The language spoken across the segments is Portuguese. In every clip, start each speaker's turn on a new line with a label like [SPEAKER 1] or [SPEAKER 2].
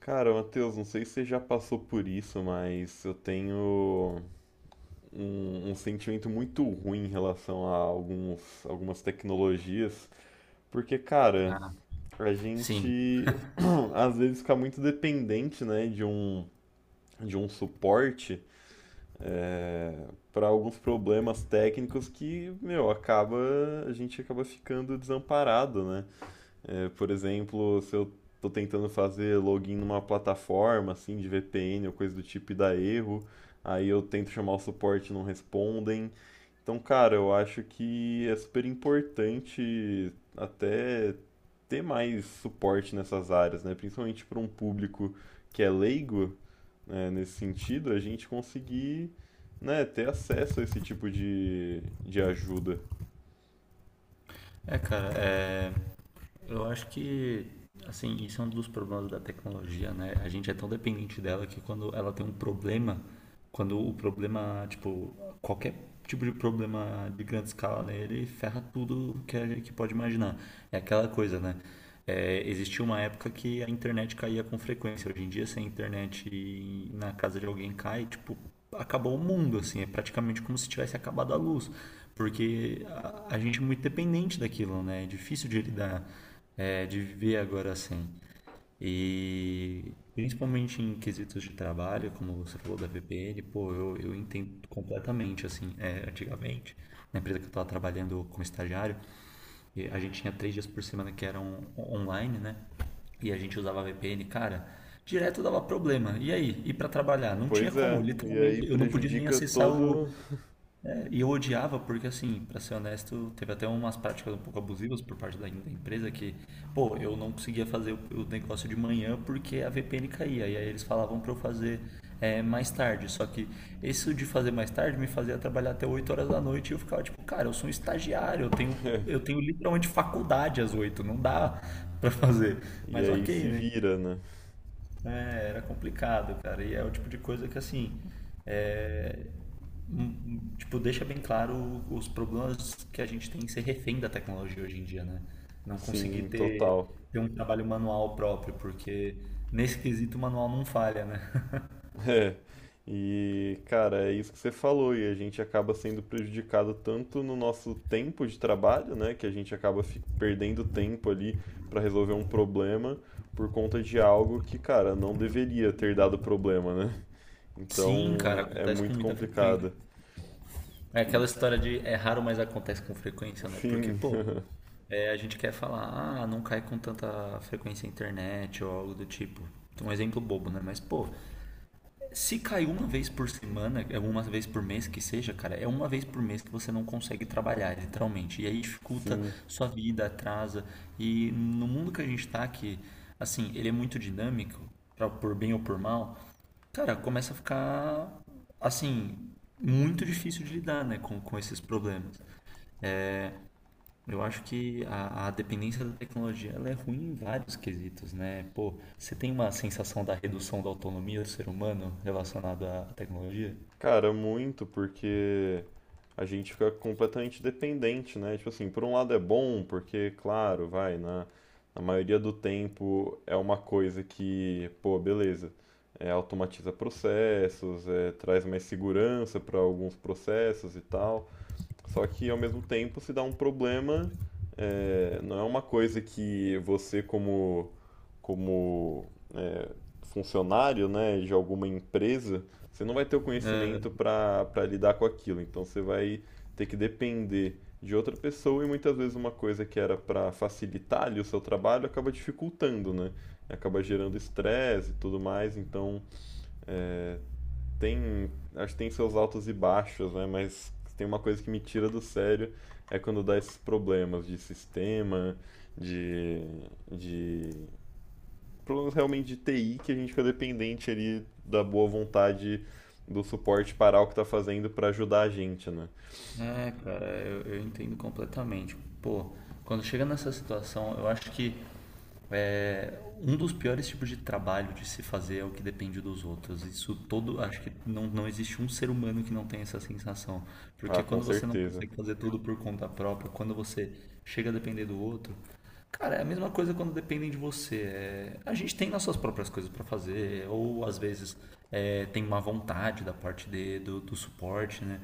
[SPEAKER 1] Cara, Matheus, não sei se você já passou por isso, mas eu tenho um sentimento muito ruim em relação a algumas tecnologias, porque, cara,
[SPEAKER 2] Ah,
[SPEAKER 1] a
[SPEAKER 2] sim.
[SPEAKER 1] gente às vezes fica muito dependente, né, de um suporte para alguns problemas técnicos que, meu, a gente acaba ficando desamparado, né? É, por exemplo, se eu estou tentando fazer login numa plataforma assim de VPN ou coisa do tipo e dá erro, aí eu tento chamar o suporte e não respondem. Então, cara, eu acho que é super importante até ter mais suporte nessas áreas, né? Principalmente para um público que é leigo, né, nesse sentido, a gente conseguir, né, ter acesso a esse tipo de ajuda.
[SPEAKER 2] É, cara, é, eu acho que, assim, isso é um dos problemas da tecnologia, né? A gente é tão dependente dela que quando ela tem um problema, tipo, qualquer tipo de problema de grande escala, né, ele ferra tudo que, que pode imaginar. É aquela coisa, né? É, existia uma época que a internet caía com frequência. Hoje em dia, se a internet na casa de alguém cai, tipo, acabou o mundo, assim. É praticamente como se tivesse acabado a luz. Porque a gente é muito dependente daquilo, né? É difícil de lidar, é, de viver agora assim. E principalmente em quesitos de trabalho, como você falou da VPN, pô, eu entendo completamente, assim, é, antigamente, na empresa que eu estava trabalhando como estagiário, e a gente tinha 3 dias por semana que eram online, né? E a gente usava VPN, cara. Direto dava problema. E aí? Ir para trabalhar? Não tinha
[SPEAKER 1] Pois
[SPEAKER 2] como,
[SPEAKER 1] é, e aí
[SPEAKER 2] literalmente. Eu não podia nem
[SPEAKER 1] prejudica
[SPEAKER 2] acessar o,
[SPEAKER 1] todo.
[SPEAKER 2] é, e eu odiava porque, assim, pra ser honesto, teve até umas práticas um pouco abusivas por parte da empresa que, pô, eu não conseguia fazer o negócio de manhã porque a VPN caía. E aí eles falavam pra eu fazer mais tarde. Só que isso de fazer mais tarde me fazia trabalhar até 20h e eu ficava tipo, cara, eu sou um estagiário, eu tenho literalmente faculdade às 8 não dá pra fazer.
[SPEAKER 1] E
[SPEAKER 2] Mas
[SPEAKER 1] aí
[SPEAKER 2] ok,
[SPEAKER 1] se
[SPEAKER 2] né?
[SPEAKER 1] vira, né?
[SPEAKER 2] É, era complicado, cara. E é o tipo de coisa que, assim, é, um, tipo, deixa bem claro os problemas que a gente tem em ser refém da tecnologia hoje em dia, né? Não conseguir
[SPEAKER 1] Sim,
[SPEAKER 2] ter,
[SPEAKER 1] total.
[SPEAKER 2] ter um trabalho manual próprio, porque nesse quesito o manual não falha, né?
[SPEAKER 1] É. E, cara, é isso que você falou, e a gente acaba sendo prejudicado tanto no nosso tempo de trabalho, né? Que a gente acaba perdendo tempo ali para resolver um problema por conta de algo que, cara, não deveria ter dado problema, né?
[SPEAKER 2] Sim,
[SPEAKER 1] Então
[SPEAKER 2] cara,
[SPEAKER 1] é
[SPEAKER 2] acontece com
[SPEAKER 1] muito
[SPEAKER 2] muita frequência.
[SPEAKER 1] complicado.
[SPEAKER 2] É aquela
[SPEAKER 1] E,
[SPEAKER 2] história de é raro, mas acontece com frequência, né? Porque,
[SPEAKER 1] sim,
[SPEAKER 2] pô, é, a gente quer falar, ah, não cai com tanta frequência a internet ou algo do tipo. Um exemplo bobo, né? Mas, pô, se cai uma vez por semana, é uma vez por mês que seja, cara, é uma vez por mês que você não consegue trabalhar, literalmente. E aí dificulta
[SPEAKER 1] sim.
[SPEAKER 2] sua vida, atrasa. E no mundo que a gente tá, que, assim, ele é muito dinâmico, pra, por bem ou por mal, cara, começa a ficar, assim, muito difícil de lidar, né, com esses problemas. Eu acho que a dependência da tecnologia ela é ruim em vários quesitos, né? Pô, você tem uma sensação da redução da autonomia do ser humano relacionada à tecnologia?
[SPEAKER 1] Cara, muito, porque a gente fica completamente dependente, né? Tipo assim, por um lado é bom, porque, claro, vai, na, na maioria do tempo é uma coisa que, pô, beleza, é, automatiza processos, é, traz mais segurança para alguns processos e tal. Só que, ao mesmo tempo, se dá um problema, é, não é uma coisa que você, como funcionário, né, de alguma empresa, você não vai ter o conhecimento para lidar com aquilo. Então você vai ter que depender de outra pessoa e muitas vezes uma coisa que era para facilitar ali o seu trabalho acaba dificultando, né? Acaba gerando estresse e tudo mais. Então acho que tem seus altos e baixos, né? Mas tem uma coisa que me tira do sério é quando dá esses problemas de sistema, de, de problemas realmente de TI que a gente fica dependente ali da boa vontade do suporte parar o que tá fazendo para ajudar a gente, né?
[SPEAKER 2] É, cara, eu entendo completamente. Pô, quando chega nessa situação, eu acho que é, um dos piores tipos de trabalho de se fazer é o que depende dos outros. Isso todo, acho que não, não existe um ser humano que não tenha essa sensação.
[SPEAKER 1] Ah,
[SPEAKER 2] Porque
[SPEAKER 1] com
[SPEAKER 2] quando você não
[SPEAKER 1] certeza.
[SPEAKER 2] consegue fazer tudo por conta própria, quando você chega a depender do outro, cara, é a mesma coisa quando dependem de você. É, a gente tem nossas próprias coisas para fazer, ou às vezes é, tem má vontade da parte de, do suporte, né?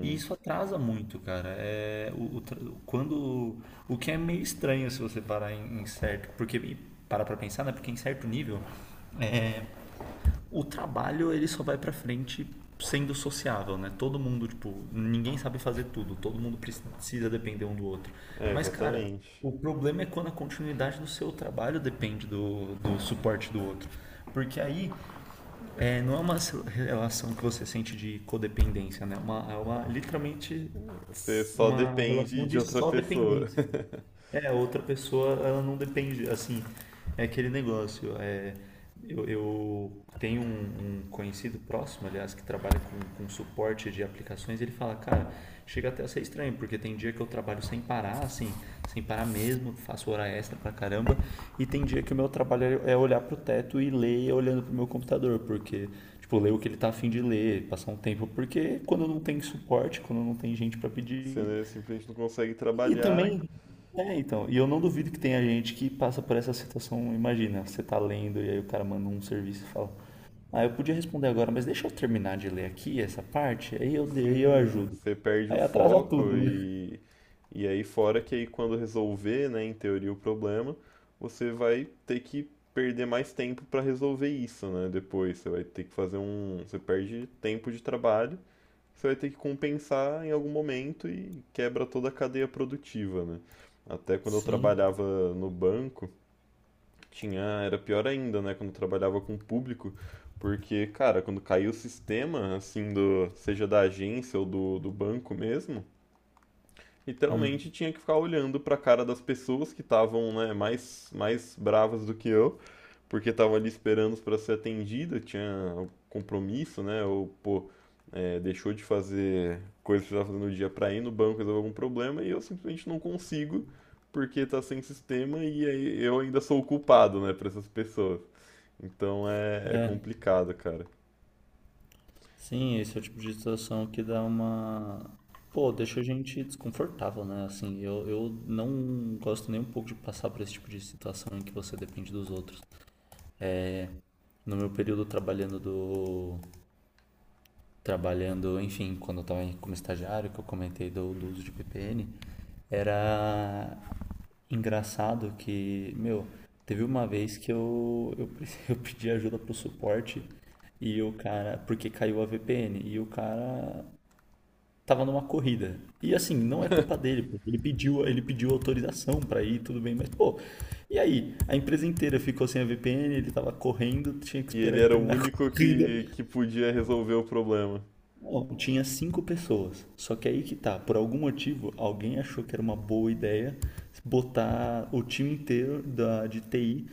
[SPEAKER 2] E isso atrasa muito, cara. É, quando, o que é meio estranho se você parar em certo, porque e para pra pensar, né? Porque em certo nível, o trabalho ele só vai para frente sendo sociável, né? Todo mundo, tipo, ninguém sabe fazer tudo, todo mundo precisa depender um do outro.
[SPEAKER 1] É,
[SPEAKER 2] Mas, cara,
[SPEAKER 1] exatamente.
[SPEAKER 2] o problema é quando a continuidade do seu trabalho depende do suporte do outro. Porque aí é, não é uma relação que você sente de codependência, né? É uma literalmente
[SPEAKER 1] Você só
[SPEAKER 2] uma relação
[SPEAKER 1] depende de
[SPEAKER 2] de
[SPEAKER 1] outra
[SPEAKER 2] só
[SPEAKER 1] pessoa.
[SPEAKER 2] dependência. É, a outra pessoa, ela não depende, assim, é aquele negócio. É, eu tenho um, um conhecido próximo, aliás, que trabalha com suporte de aplicações, e ele fala, cara, chega até a ser estranho, porque tem dia que eu trabalho sem parar, assim, sem parar mesmo, faço hora extra pra caramba, e tem dia que o meu trabalho é olhar pro teto e ler olhando pro meu computador, porque, tipo, ler o que ele tá afim de ler, passar um tempo, porque quando não tem suporte, quando não tem gente pra
[SPEAKER 1] Você,
[SPEAKER 2] pedir,
[SPEAKER 1] né, simplesmente não consegue
[SPEAKER 2] e
[SPEAKER 1] trabalhar.
[SPEAKER 2] também, é, então, e eu não duvido que tenha gente que passa por essa situação, imagina, você tá lendo e aí o cara manda um serviço e fala, ah, eu podia responder agora, mas deixa eu terminar de ler aqui essa parte, aí eu
[SPEAKER 1] Sim,
[SPEAKER 2] ajudo.
[SPEAKER 1] você perde o
[SPEAKER 2] Aí atrasa
[SPEAKER 1] foco
[SPEAKER 2] tudo, né?
[SPEAKER 1] e aí fora que aí quando resolver, né, em teoria o problema, você vai ter que perder mais tempo para resolver isso, né? Depois você vai ter que fazer um, você perde tempo de trabalho, você vai ter que compensar em algum momento e quebra toda a cadeia produtiva, né? Até quando eu
[SPEAKER 2] Sim,
[SPEAKER 1] trabalhava no banco, tinha, era pior ainda, né, quando eu trabalhava com o público, porque, cara, quando caiu o sistema, assim, do, seja da agência ou do banco mesmo, literalmente tinha que ficar olhando pra cara das pessoas que estavam, né, mais bravas do que eu porque estava ali esperando para ser atendida, tinha um compromisso, né? Ou, pô, é, deixou de fazer coisas que precisava fazer no dia para ir no banco resolver algum problema e eu simplesmente não consigo porque está sem sistema e aí eu ainda sou o culpado, né, para essas pessoas. Então é complicado, cara.
[SPEAKER 2] sim, esse é o tipo de situação que dá uma. Pô, deixa a gente desconfortável, né? Assim, eu não gosto nem um pouco de passar por esse tipo de situação em que você depende dos outros. No meu período trabalhando, enfim, quando eu estava como estagiário, que eu comentei do, do uso de VPN, era engraçado que, meu, teve uma vez que eu pedi ajuda pro suporte e o cara, porque caiu a VPN, e o cara tava numa corrida. E assim, não é culpa dele, porque ele pediu autorização para ir, tudo bem, mas pô, e aí? A empresa inteira ficou sem a VPN, ele tava correndo, tinha que
[SPEAKER 1] E ele
[SPEAKER 2] esperar ele
[SPEAKER 1] era o
[SPEAKER 2] terminar a
[SPEAKER 1] único
[SPEAKER 2] corrida.
[SPEAKER 1] que podia resolver o problema.
[SPEAKER 2] Bom, tinha 5 pessoas. Só que aí que tá, por algum motivo, alguém achou que era uma boa ideia botar o time inteiro da, de TI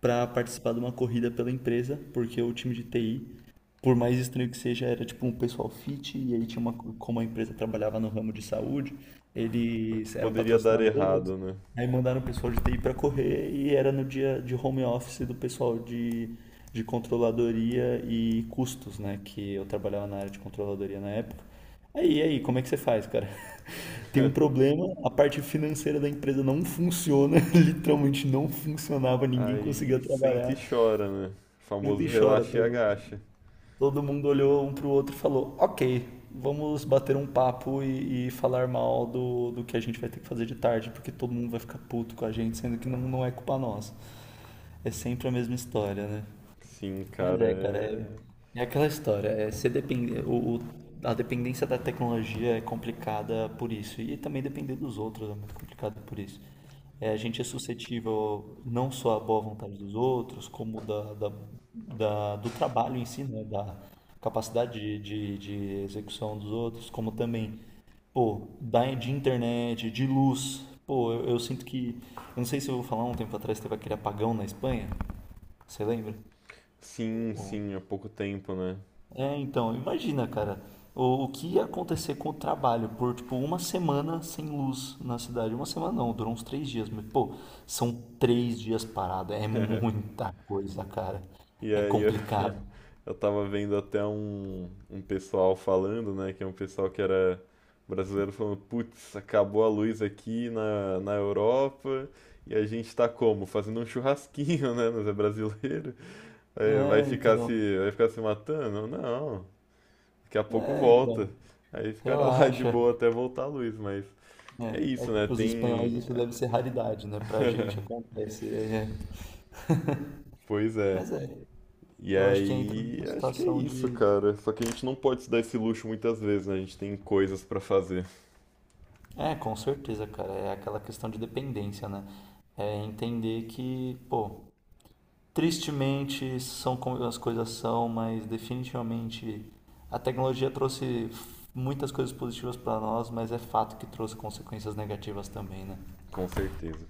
[SPEAKER 2] para participar de uma corrida pela empresa, porque o time de TI, por mais estranho que seja, era tipo um pessoal fit, e aí tinha uma, como a empresa trabalhava no ramo de saúde,
[SPEAKER 1] O que
[SPEAKER 2] eles eram
[SPEAKER 1] poderia dar
[SPEAKER 2] patrocinadores.
[SPEAKER 1] errado, né?
[SPEAKER 2] Aí mandaram o pessoal de TI para correr e era no dia de home office do pessoal de controladoria e custos, né? Que eu trabalhava na área de controladoria na época. Aí, e aí, como é que você faz, cara? Tem um problema, a parte financeira da empresa não funciona, literalmente não funcionava, ninguém conseguia
[SPEAKER 1] Aí senta e
[SPEAKER 2] trabalhar.
[SPEAKER 1] chora, né? O
[SPEAKER 2] Senta e
[SPEAKER 1] famoso
[SPEAKER 2] chora,
[SPEAKER 1] relaxa e agacha.
[SPEAKER 2] todo mundo olhou um pro outro e falou: Ok, vamos bater um papo e falar mal do que a gente vai ter que fazer de tarde, porque todo mundo vai ficar puto com a gente, sendo que não é culpa nossa. É sempre a mesma história, né?
[SPEAKER 1] Sim,
[SPEAKER 2] Mas
[SPEAKER 1] cara,
[SPEAKER 2] é, cara, é,
[SPEAKER 1] é...
[SPEAKER 2] é aquela história. É ser depende a dependência da tecnologia é complicada por isso. E também depender dos outros é muito complicado por isso. É, a gente é suscetível não só à boa vontade dos outros, como do trabalho em si, né? Da capacidade de, de execução dos outros, como também, pô, da, de internet, de luz. Pô, eu sinto que. Eu não sei se eu vou falar um tempo atrás, teve aquele apagão na Espanha. Você lembra?
[SPEAKER 1] Sim, sim, há pouco tempo, né?
[SPEAKER 2] É, então, imagina, cara, o que ia acontecer com o trabalho por, tipo, uma semana sem luz na cidade. Uma semana não, durou uns 3 dias, mas, pô, são 3 dias parado, é muita coisa, cara.
[SPEAKER 1] E
[SPEAKER 2] É
[SPEAKER 1] aí
[SPEAKER 2] complicado.
[SPEAKER 1] eu tava vendo até um pessoal falando, né? Que é um pessoal que era brasileiro falando, putz, acabou a luz aqui na, na Europa e a gente tá como? Fazendo um churrasquinho, né? Mas é brasileiro. Aí
[SPEAKER 2] É, então,
[SPEAKER 1] vai ficar se matando? Não, daqui a pouco
[SPEAKER 2] é, então,
[SPEAKER 1] volta. Aí ficaram lá de
[SPEAKER 2] relaxa.
[SPEAKER 1] boa até voltar a luz, mas é
[SPEAKER 2] É, é
[SPEAKER 1] isso,
[SPEAKER 2] que
[SPEAKER 1] né?
[SPEAKER 2] pros espanhóis
[SPEAKER 1] Tem.
[SPEAKER 2] isso deve ser raridade, né? Pra gente acontece. É.
[SPEAKER 1] Pois é.
[SPEAKER 2] Mas é,
[SPEAKER 1] E
[SPEAKER 2] eu acho que entra
[SPEAKER 1] aí,
[SPEAKER 2] nessa
[SPEAKER 1] acho que é
[SPEAKER 2] situação
[SPEAKER 1] isso,
[SPEAKER 2] de.
[SPEAKER 1] cara. Só que a gente não pode se dar esse luxo muitas vezes, né? A gente tem coisas pra fazer,
[SPEAKER 2] É, com certeza, cara. É aquela questão de dependência, né? É entender que, pô, tristemente são como as coisas são, mas definitivamente a tecnologia trouxe muitas coisas positivas para nós, mas é fato que trouxe consequências negativas também, né?
[SPEAKER 1] com certeza.